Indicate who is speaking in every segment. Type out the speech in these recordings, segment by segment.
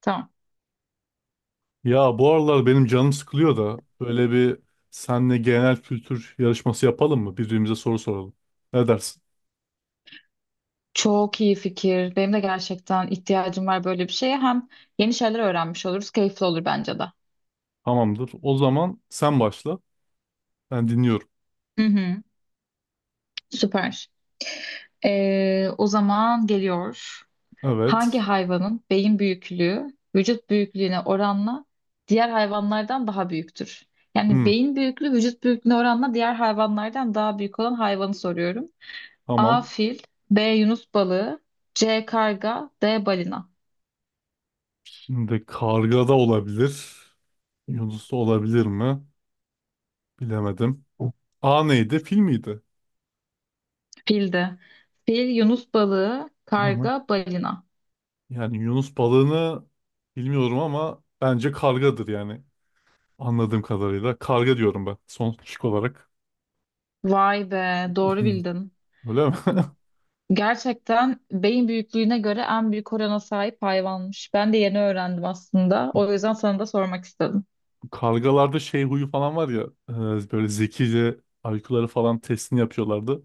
Speaker 1: Tamam.
Speaker 2: Ya bu aralar benim canım sıkılıyor da böyle bir senle genel kültür yarışması yapalım mı? Birbirimize soru soralım. Ne dersin?
Speaker 1: Çok iyi fikir. Benim de gerçekten ihtiyacım var böyle bir şeye. Hem yeni şeyler öğrenmiş oluruz. Keyifli olur bence de.
Speaker 2: Tamamdır. O zaman sen başla. Ben dinliyorum.
Speaker 1: Hı hı. Süper. O zaman geliyor. Hangi
Speaker 2: Evet.
Speaker 1: hayvanın beyin büyüklüğü vücut büyüklüğüne oranla diğer hayvanlardan daha büyüktür? Yani
Speaker 2: Hmm,
Speaker 1: beyin büyüklüğü vücut büyüklüğüne oranla diğer hayvanlardan daha büyük olan hayvanı soruyorum. A.
Speaker 2: tamam.
Speaker 1: Fil, B. Yunus balığı, C. Karga, D. Balina.
Speaker 2: Şimdi karga da olabilir. Yunus da olabilir mi? Bilemedim. A neydi? Fil miydi?
Speaker 1: Fildi. Fil, yunus balığı,
Speaker 2: Hı hı.
Speaker 1: karga, balina.
Speaker 2: Yani Yunus balığını bilmiyorum ama bence kargadır yani. Anladığım kadarıyla. Karga diyorum ben son şık olarak.
Speaker 1: Vay be, doğru bildin.
Speaker 2: Öyle mi?
Speaker 1: Gerçekten beyin büyüklüğüne göre en büyük orana sahip hayvanmış. Ben de yeni öğrendim aslında. O yüzden sana da sormak istedim.
Speaker 2: Kargalarda şey huyu falan var ya, böyle zekice IQ'ları falan testini yapıyorlardı.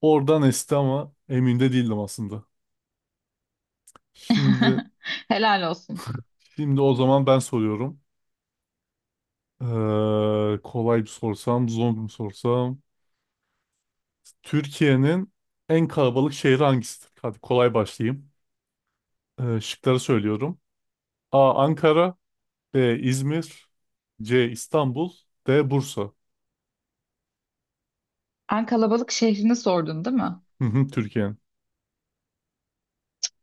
Speaker 2: Oradan esti ama emin de değildim aslında. Şimdi
Speaker 1: Helal olsun.
Speaker 2: şimdi o zaman ben soruyorum. Kolay bir sorsam, zor bir sorsam. Türkiye'nin en kalabalık şehri hangisidir? Hadi kolay başlayayım. Şıkları söylüyorum. A. Ankara. B. İzmir. C. İstanbul. D. Bursa.
Speaker 1: En kalabalık şehrini sordun, değil mi?
Speaker 2: Hı hı, Türkiye'nin.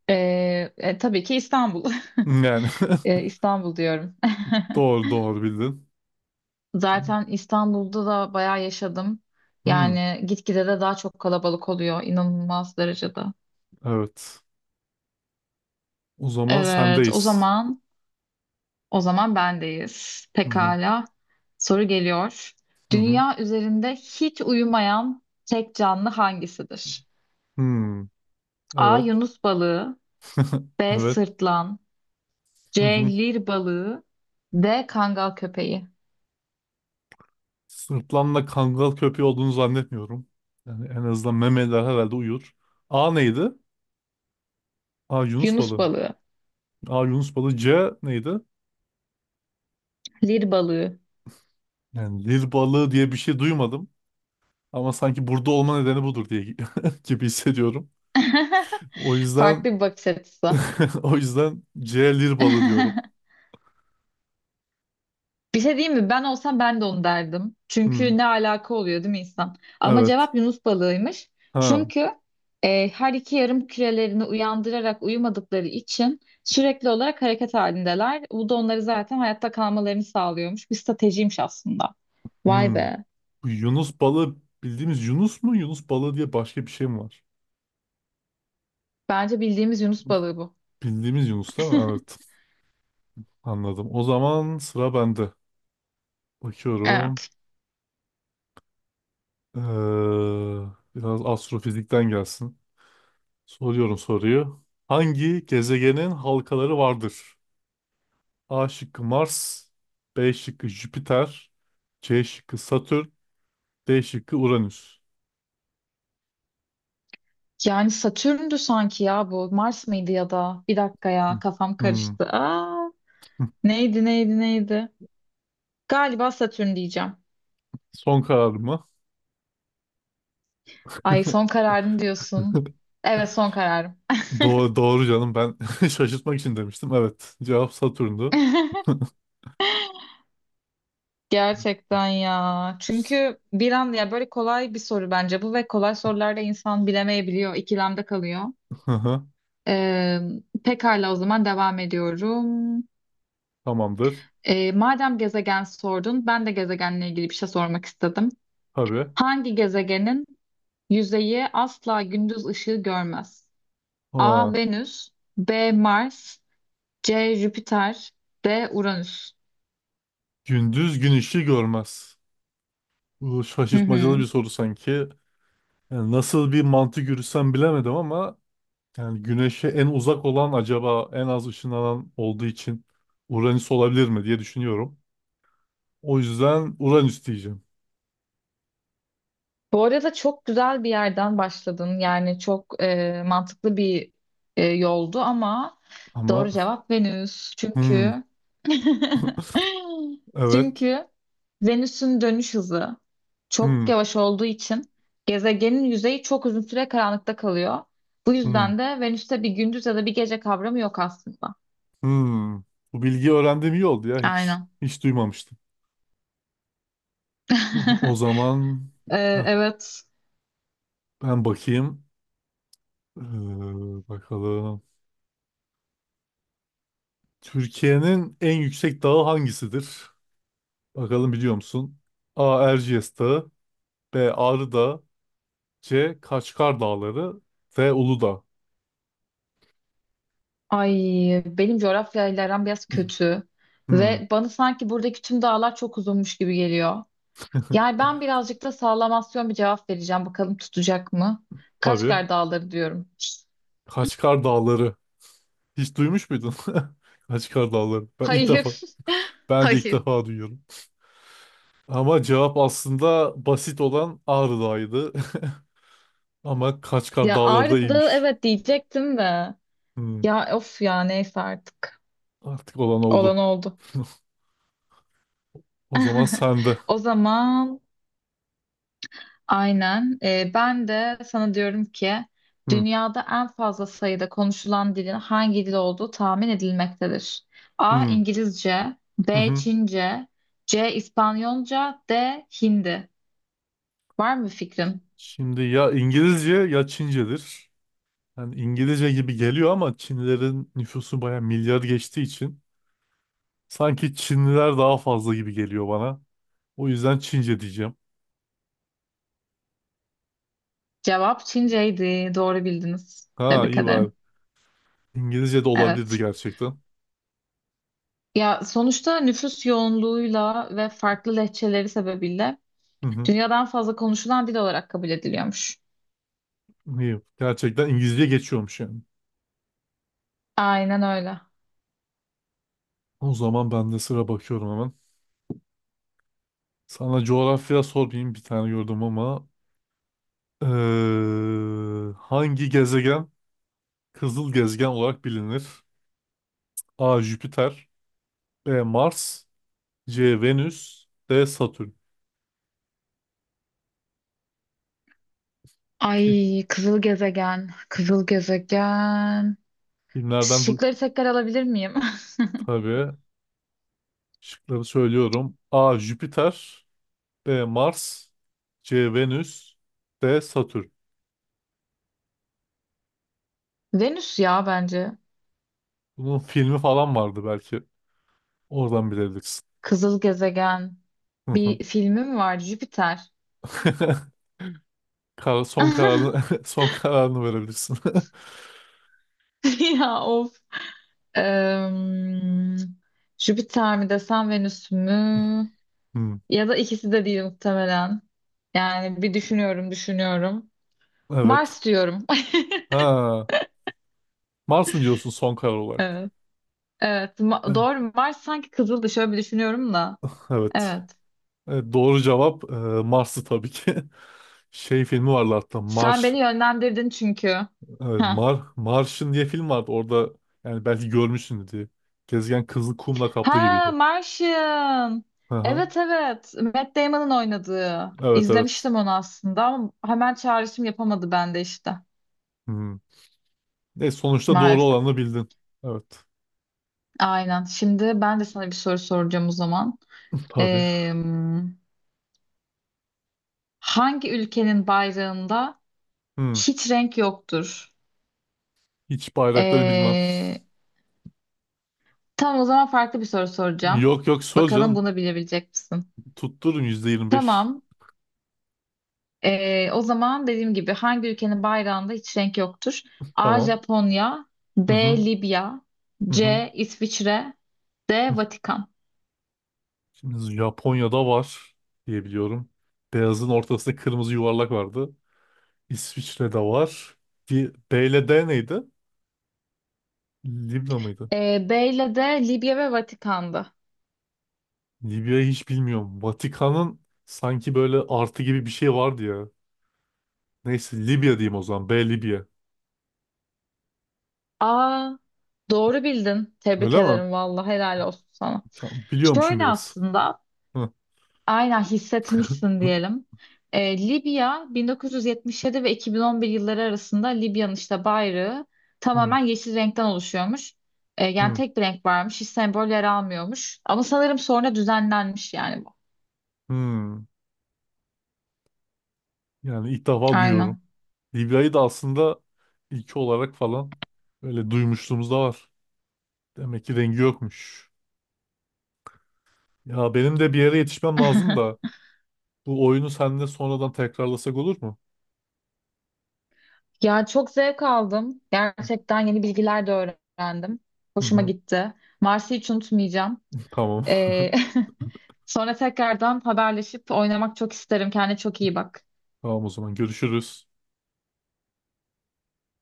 Speaker 1: Tabii ki İstanbul.
Speaker 2: Yani
Speaker 1: İstanbul diyorum.
Speaker 2: doğru, doğru bildin.
Speaker 1: Zaten İstanbul'da da bayağı yaşadım.
Speaker 2: Hmm,
Speaker 1: Yani gitgide de daha çok kalabalık oluyor, inanılmaz derecede.
Speaker 2: evet. O zaman
Speaker 1: Evet, o
Speaker 2: sendeyiz.
Speaker 1: zaman. O zaman bendeyiz.
Speaker 2: Hı hı.
Speaker 1: Pekala. Soru geliyor.
Speaker 2: Hı hı.
Speaker 1: Dünya üzerinde hiç uyumayan tek canlı hangisidir?
Speaker 2: Hmm.
Speaker 1: A.
Speaker 2: Evet.
Speaker 1: Yunus balığı, B.
Speaker 2: Evet.
Speaker 1: Sırtlan,
Speaker 2: Hı
Speaker 1: C.
Speaker 2: hı.
Speaker 1: Lir balığı, D. Kangal köpeği.
Speaker 2: Sırtlanla kangal köpeği olduğunu zannetmiyorum. Yani en azından memeler herhalde uyur. A neydi? A Yunus
Speaker 1: Yunus
Speaker 2: balığı.
Speaker 1: balığı.
Speaker 2: A Yunus balığı. C neydi?
Speaker 1: Lir balığı.
Speaker 2: Yani Lil balığı diye bir şey duymadım. Ama sanki burada olma nedeni budur diye gibi hissediyorum. O yüzden
Speaker 1: Farklı bir bakış açısı.
Speaker 2: o yüzden C Lil balığı diyorum.
Speaker 1: Bir şey diyeyim mi? Ben olsam ben de onu derdim.
Speaker 2: Hmm.
Speaker 1: Çünkü ne alaka oluyor değil mi insan? Ama
Speaker 2: Evet.
Speaker 1: cevap Yunus balığıymış.
Speaker 2: Ha.
Speaker 1: Çünkü her iki yarım kürelerini uyandırarak uyumadıkları için sürekli olarak hareket halindeler. Bu da onları zaten hayatta kalmalarını sağlıyormuş. Bir stratejiymiş aslında. Vay
Speaker 2: Hmm.
Speaker 1: be.
Speaker 2: Bu Yunus balığı bildiğimiz Yunus mu? Yunus balığı diye başka bir şey mi var?
Speaker 1: Bence bildiğimiz Yunus balığı bu.
Speaker 2: Bildiğimiz Yunus değil mi? Evet. Anladım. O zaman sıra bende. Bakıyorum.
Speaker 1: Evet.
Speaker 2: Ee, Biraz astrofizikten gelsin. Soruyorum soruyu. Hangi gezegenin halkaları vardır? A şıkkı Mars, B şıkkı Jüpiter, C şıkkı Satürn, D şıkkı Uranüs.
Speaker 1: Yani Satürn'dü sanki ya bu. Mars mıydı ya da? Bir dakika
Speaker 2: Hmm.
Speaker 1: ya kafam
Speaker 2: Hmm.
Speaker 1: karıştı. Neydi neydi? Galiba Satürn diyeceğim.
Speaker 2: Son karar mı?
Speaker 1: Ay son kararın diyorsun. Evet son kararım.
Speaker 2: Doğru, doğru canım, ben şaşırtmak için demiştim. Evet, cevap Satürn'dü.
Speaker 1: Gerçekten ya. Çünkü bir an ya böyle kolay bir soru bence bu ve kolay sorularda insan bilemeyebiliyor, ikilemde kalıyor.
Speaker 2: Hı hı.
Speaker 1: Ee, Pekala o zaman devam ediyorum.
Speaker 2: Tamamdır.
Speaker 1: Madem gezegen sordun, ben de gezegenle ilgili bir şey sormak istedim.
Speaker 2: Tabii.
Speaker 1: Hangi gezegenin yüzeyi asla gündüz ışığı görmez? A.
Speaker 2: Ha,
Speaker 1: Venüs, B. Mars, C. Jüpiter, D. Uranüs.
Speaker 2: gündüz gün ışığı görmez. Bu
Speaker 1: Hı
Speaker 2: şaşırtmacalı bir
Speaker 1: hı.
Speaker 2: soru sanki. Yani nasıl bir mantık yürütsem bilemedim, ama yani güneşe en uzak olan acaba en az ışınlanan olduğu için Uranüs olabilir mi diye düşünüyorum. O yüzden Uranüs diyeceğim.
Speaker 1: Bu arada çok güzel bir yerden başladın. Yani çok mantıklı bir yoldu ama doğru
Speaker 2: Ama
Speaker 1: cevap Venüs.
Speaker 2: hmm,
Speaker 1: Çünkü
Speaker 2: evet.
Speaker 1: çünkü Venüs'ün dönüş hızı
Speaker 2: Hmm,
Speaker 1: çok yavaş olduğu için gezegenin yüzeyi çok uzun süre karanlıkta kalıyor. Bu
Speaker 2: hmm,
Speaker 1: yüzden de Venüs'te bir gündüz ya da bir gece kavramı yok aslında.
Speaker 2: hmm. Bu bilgiyi öğrendiğim iyi oldu ya.
Speaker 1: Aynen.
Speaker 2: Hiç duymamıştım. O zaman
Speaker 1: E,
Speaker 2: ah,
Speaker 1: evet.
Speaker 2: ben bakayım. Ee, Bakalım. Türkiye'nin en yüksek dağı hangisidir? Bakalım biliyor musun? A. Erciyes Dağı. B. Ağrı Dağı. C. Kaçkar Dağları. D. Uludağ.
Speaker 1: Ay benim coğrafyayla aram biraz kötü
Speaker 2: Hmm,
Speaker 1: ve bana sanki buradaki tüm dağlar çok uzunmuş gibi geliyor. Yani ben birazcık da sallamasyon bir cevap vereceğim. Bakalım tutacak mı?
Speaker 2: tabii.
Speaker 1: Kaçkar Dağları diyorum.
Speaker 2: Kaçkar Dağları. Hiç duymuş muydun? Kaçkar Dağları. Ben ilk defa.
Speaker 1: Hayır.
Speaker 2: Ben de ilk
Speaker 1: Hayır.
Speaker 2: defa duyuyorum. Ama cevap aslında basit olan Ağrı Dağı'ydı. Ama Kaçkar
Speaker 1: Ya
Speaker 2: Dağları da
Speaker 1: Ağrı Dağı
Speaker 2: iyiymiş.
Speaker 1: evet diyecektim de.
Speaker 2: Hmm.
Speaker 1: Ya of ya neyse artık.
Speaker 2: Artık olan
Speaker 1: Olan
Speaker 2: oldu.
Speaker 1: oldu.
Speaker 2: O zaman sende.
Speaker 1: O zaman aynen. Ben de sana diyorum ki
Speaker 2: Hı,
Speaker 1: dünyada en fazla sayıda konuşulan dilin hangi dil olduğu tahmin edilmektedir. A.
Speaker 2: hı,
Speaker 1: İngilizce,
Speaker 2: hı,
Speaker 1: B.
Speaker 2: hı.
Speaker 1: Çince, C. İspanyolca, D. Hindi. Var mı fikrin?
Speaker 2: Şimdi ya İngilizce ya Çincedir. Yani İngilizce gibi geliyor ama Çinlilerin nüfusu baya milyar geçtiği için sanki Çinliler daha fazla gibi geliyor bana. O yüzden Çince diyeceğim.
Speaker 1: Cevap Çinceydi. Doğru bildiniz.
Speaker 2: Ha,
Speaker 1: Tebrik
Speaker 2: iyi var.
Speaker 1: ederim.
Speaker 2: İngilizce de olabilirdi
Speaker 1: Evet.
Speaker 2: gerçekten.
Speaker 1: Ya sonuçta nüfus yoğunluğuyla ve farklı lehçeleri sebebiyle
Speaker 2: Hı hı.
Speaker 1: dünyadan fazla konuşulan dil olarak kabul ediliyormuş.
Speaker 2: İyi. Gerçekten İngilizce geçiyormuş yani.
Speaker 1: Aynen öyle.
Speaker 2: O zaman ben de sıra bakıyorum hemen. Sana coğrafya sormayayım, bir tane gördüm ama. Hangi gezegen Kızıl gezegen olarak bilinir? A. Jüpiter. B. Mars. C. Venüs. D. Satürn. Fi-
Speaker 1: Ay kızıl gezegen, kızıl gezegen.
Speaker 2: Filmlerden, du
Speaker 1: Şıkları tekrar alabilir miyim?
Speaker 2: tabii. Şıkları söylüyorum. A. Jüpiter. B. Mars. C. Venüs. D. Satürn.
Speaker 1: Venüs ya bence.
Speaker 2: Bunun filmi falan vardı belki. Oradan bilebilirsin.
Speaker 1: Kızıl gezegen.
Speaker 2: Hı hı.
Speaker 1: Bir filmi mi vardı? Jüpiter.
Speaker 2: Son kararını son kararını verebilirsin.
Speaker 1: Ya of. Em, Jüpiter mi desem Venüs mü?
Speaker 2: Hmm.
Speaker 1: Ya da ikisi de değil muhtemelen. Yani bir düşünüyorum, düşünüyorum.
Speaker 2: Evet.
Speaker 1: Mars diyorum.
Speaker 2: Ha, Mars mı diyorsun son karar olarak?
Speaker 1: Evet. Evet.
Speaker 2: Evet.
Speaker 1: Doğru. Mars sanki kızıldı. Şöyle bir düşünüyorum da.
Speaker 2: Evet.
Speaker 1: Evet.
Speaker 2: Evet, doğru cevap Mars'ı tabii ki. Şey filmi vardı hatta
Speaker 1: Sen
Speaker 2: Mars,
Speaker 1: beni yönlendirdin çünkü. Ha.
Speaker 2: Martian diye film vardı. Orada yani belki görmüşsün diye. Gezegen kızıl kumla kaplı
Speaker 1: Ha,
Speaker 2: gibiydi.
Speaker 1: Martian.
Speaker 2: Hı hı.
Speaker 1: Evet evet. Matt Damon'ın oynadığı.
Speaker 2: Evet, evet.
Speaker 1: İzlemiştim onu aslında ama hemen çağrışım yapamadı bende işte.
Speaker 2: Hmm. Sonuçta doğru
Speaker 1: Maalesef.
Speaker 2: olanı bildin. Evet.
Speaker 1: Aynen. Şimdi ben de sana bir soru soracağım o zaman.
Speaker 2: Tabii.
Speaker 1: Ee, Hangi ülkenin bayrağında
Speaker 2: Hmm.
Speaker 1: hiç renk yoktur?
Speaker 2: Hiç bayrakları bilmem.
Speaker 1: Ee, tamam o zaman farklı bir soru soracağım.
Speaker 2: Yok, yok, sor
Speaker 1: Bakalım
Speaker 2: canım.
Speaker 1: bunu bilebilecek misin?
Speaker 2: Tuttururum %25.
Speaker 1: Tamam. O zaman dediğim gibi hangi ülkenin bayrağında hiç renk yoktur? A.
Speaker 2: Tamam.
Speaker 1: Japonya,
Speaker 2: Hı
Speaker 1: B.
Speaker 2: hı.
Speaker 1: Libya,
Speaker 2: Hı hı.
Speaker 1: C. İsviçre,
Speaker 2: Hı.
Speaker 1: D. Vatikan.
Speaker 2: Şimdi Japonya'da var diye biliyorum. Beyazın ortasında kırmızı yuvarlak vardı. İsviçre'de var. B ile D neydi? Libya mıydı?
Speaker 1: B ile D. Libya ve Vatikan'dı.
Speaker 2: Libya'yı hiç bilmiyorum. Vatikan'ın sanki böyle artı gibi bir şey vardı ya. Neyse Libya diyeyim o zaman. B Libya.
Speaker 1: A. Doğru bildin. Tebrik
Speaker 2: Öyle mi?
Speaker 1: ederim vallahi helal olsun sana.
Speaker 2: Tamam, biliyormuşum
Speaker 1: Şöyle
Speaker 2: biraz.
Speaker 1: aslında
Speaker 2: Hı,
Speaker 1: aynen hissetmişsin diyelim. Libya 1977 ve 2011 yılları arasında Libya'nın işte bayrağı
Speaker 2: hı,
Speaker 1: tamamen yeşil renkten oluşuyormuş. Yani
Speaker 2: hı,
Speaker 1: tek bir renk varmış, hiç sembol yer almıyormuş. Ama sanırım sonra düzenlenmiş yani bu.
Speaker 2: hı. Yani ilk defa duyuyorum.
Speaker 1: Aynen.
Speaker 2: Libya'yı da aslında ilki olarak falan böyle duymuşluğumuz da var. Demek ki rengi yokmuş. Ya benim de bir yere yetişmem lazım da bu oyunu seninle sonradan tekrarlasak olur mu?
Speaker 1: Ya çok zevk aldım. Gerçekten yeni bilgiler de öğrendim.
Speaker 2: Hı
Speaker 1: Hoşuma
Speaker 2: hı,
Speaker 1: gitti. Mars'ı hiç unutmayacağım.
Speaker 2: tamam.
Speaker 1: Ee, sonra tekrardan haberleşip oynamak çok isterim. Kendine çok iyi bak.
Speaker 2: Tamam, o zaman görüşürüz.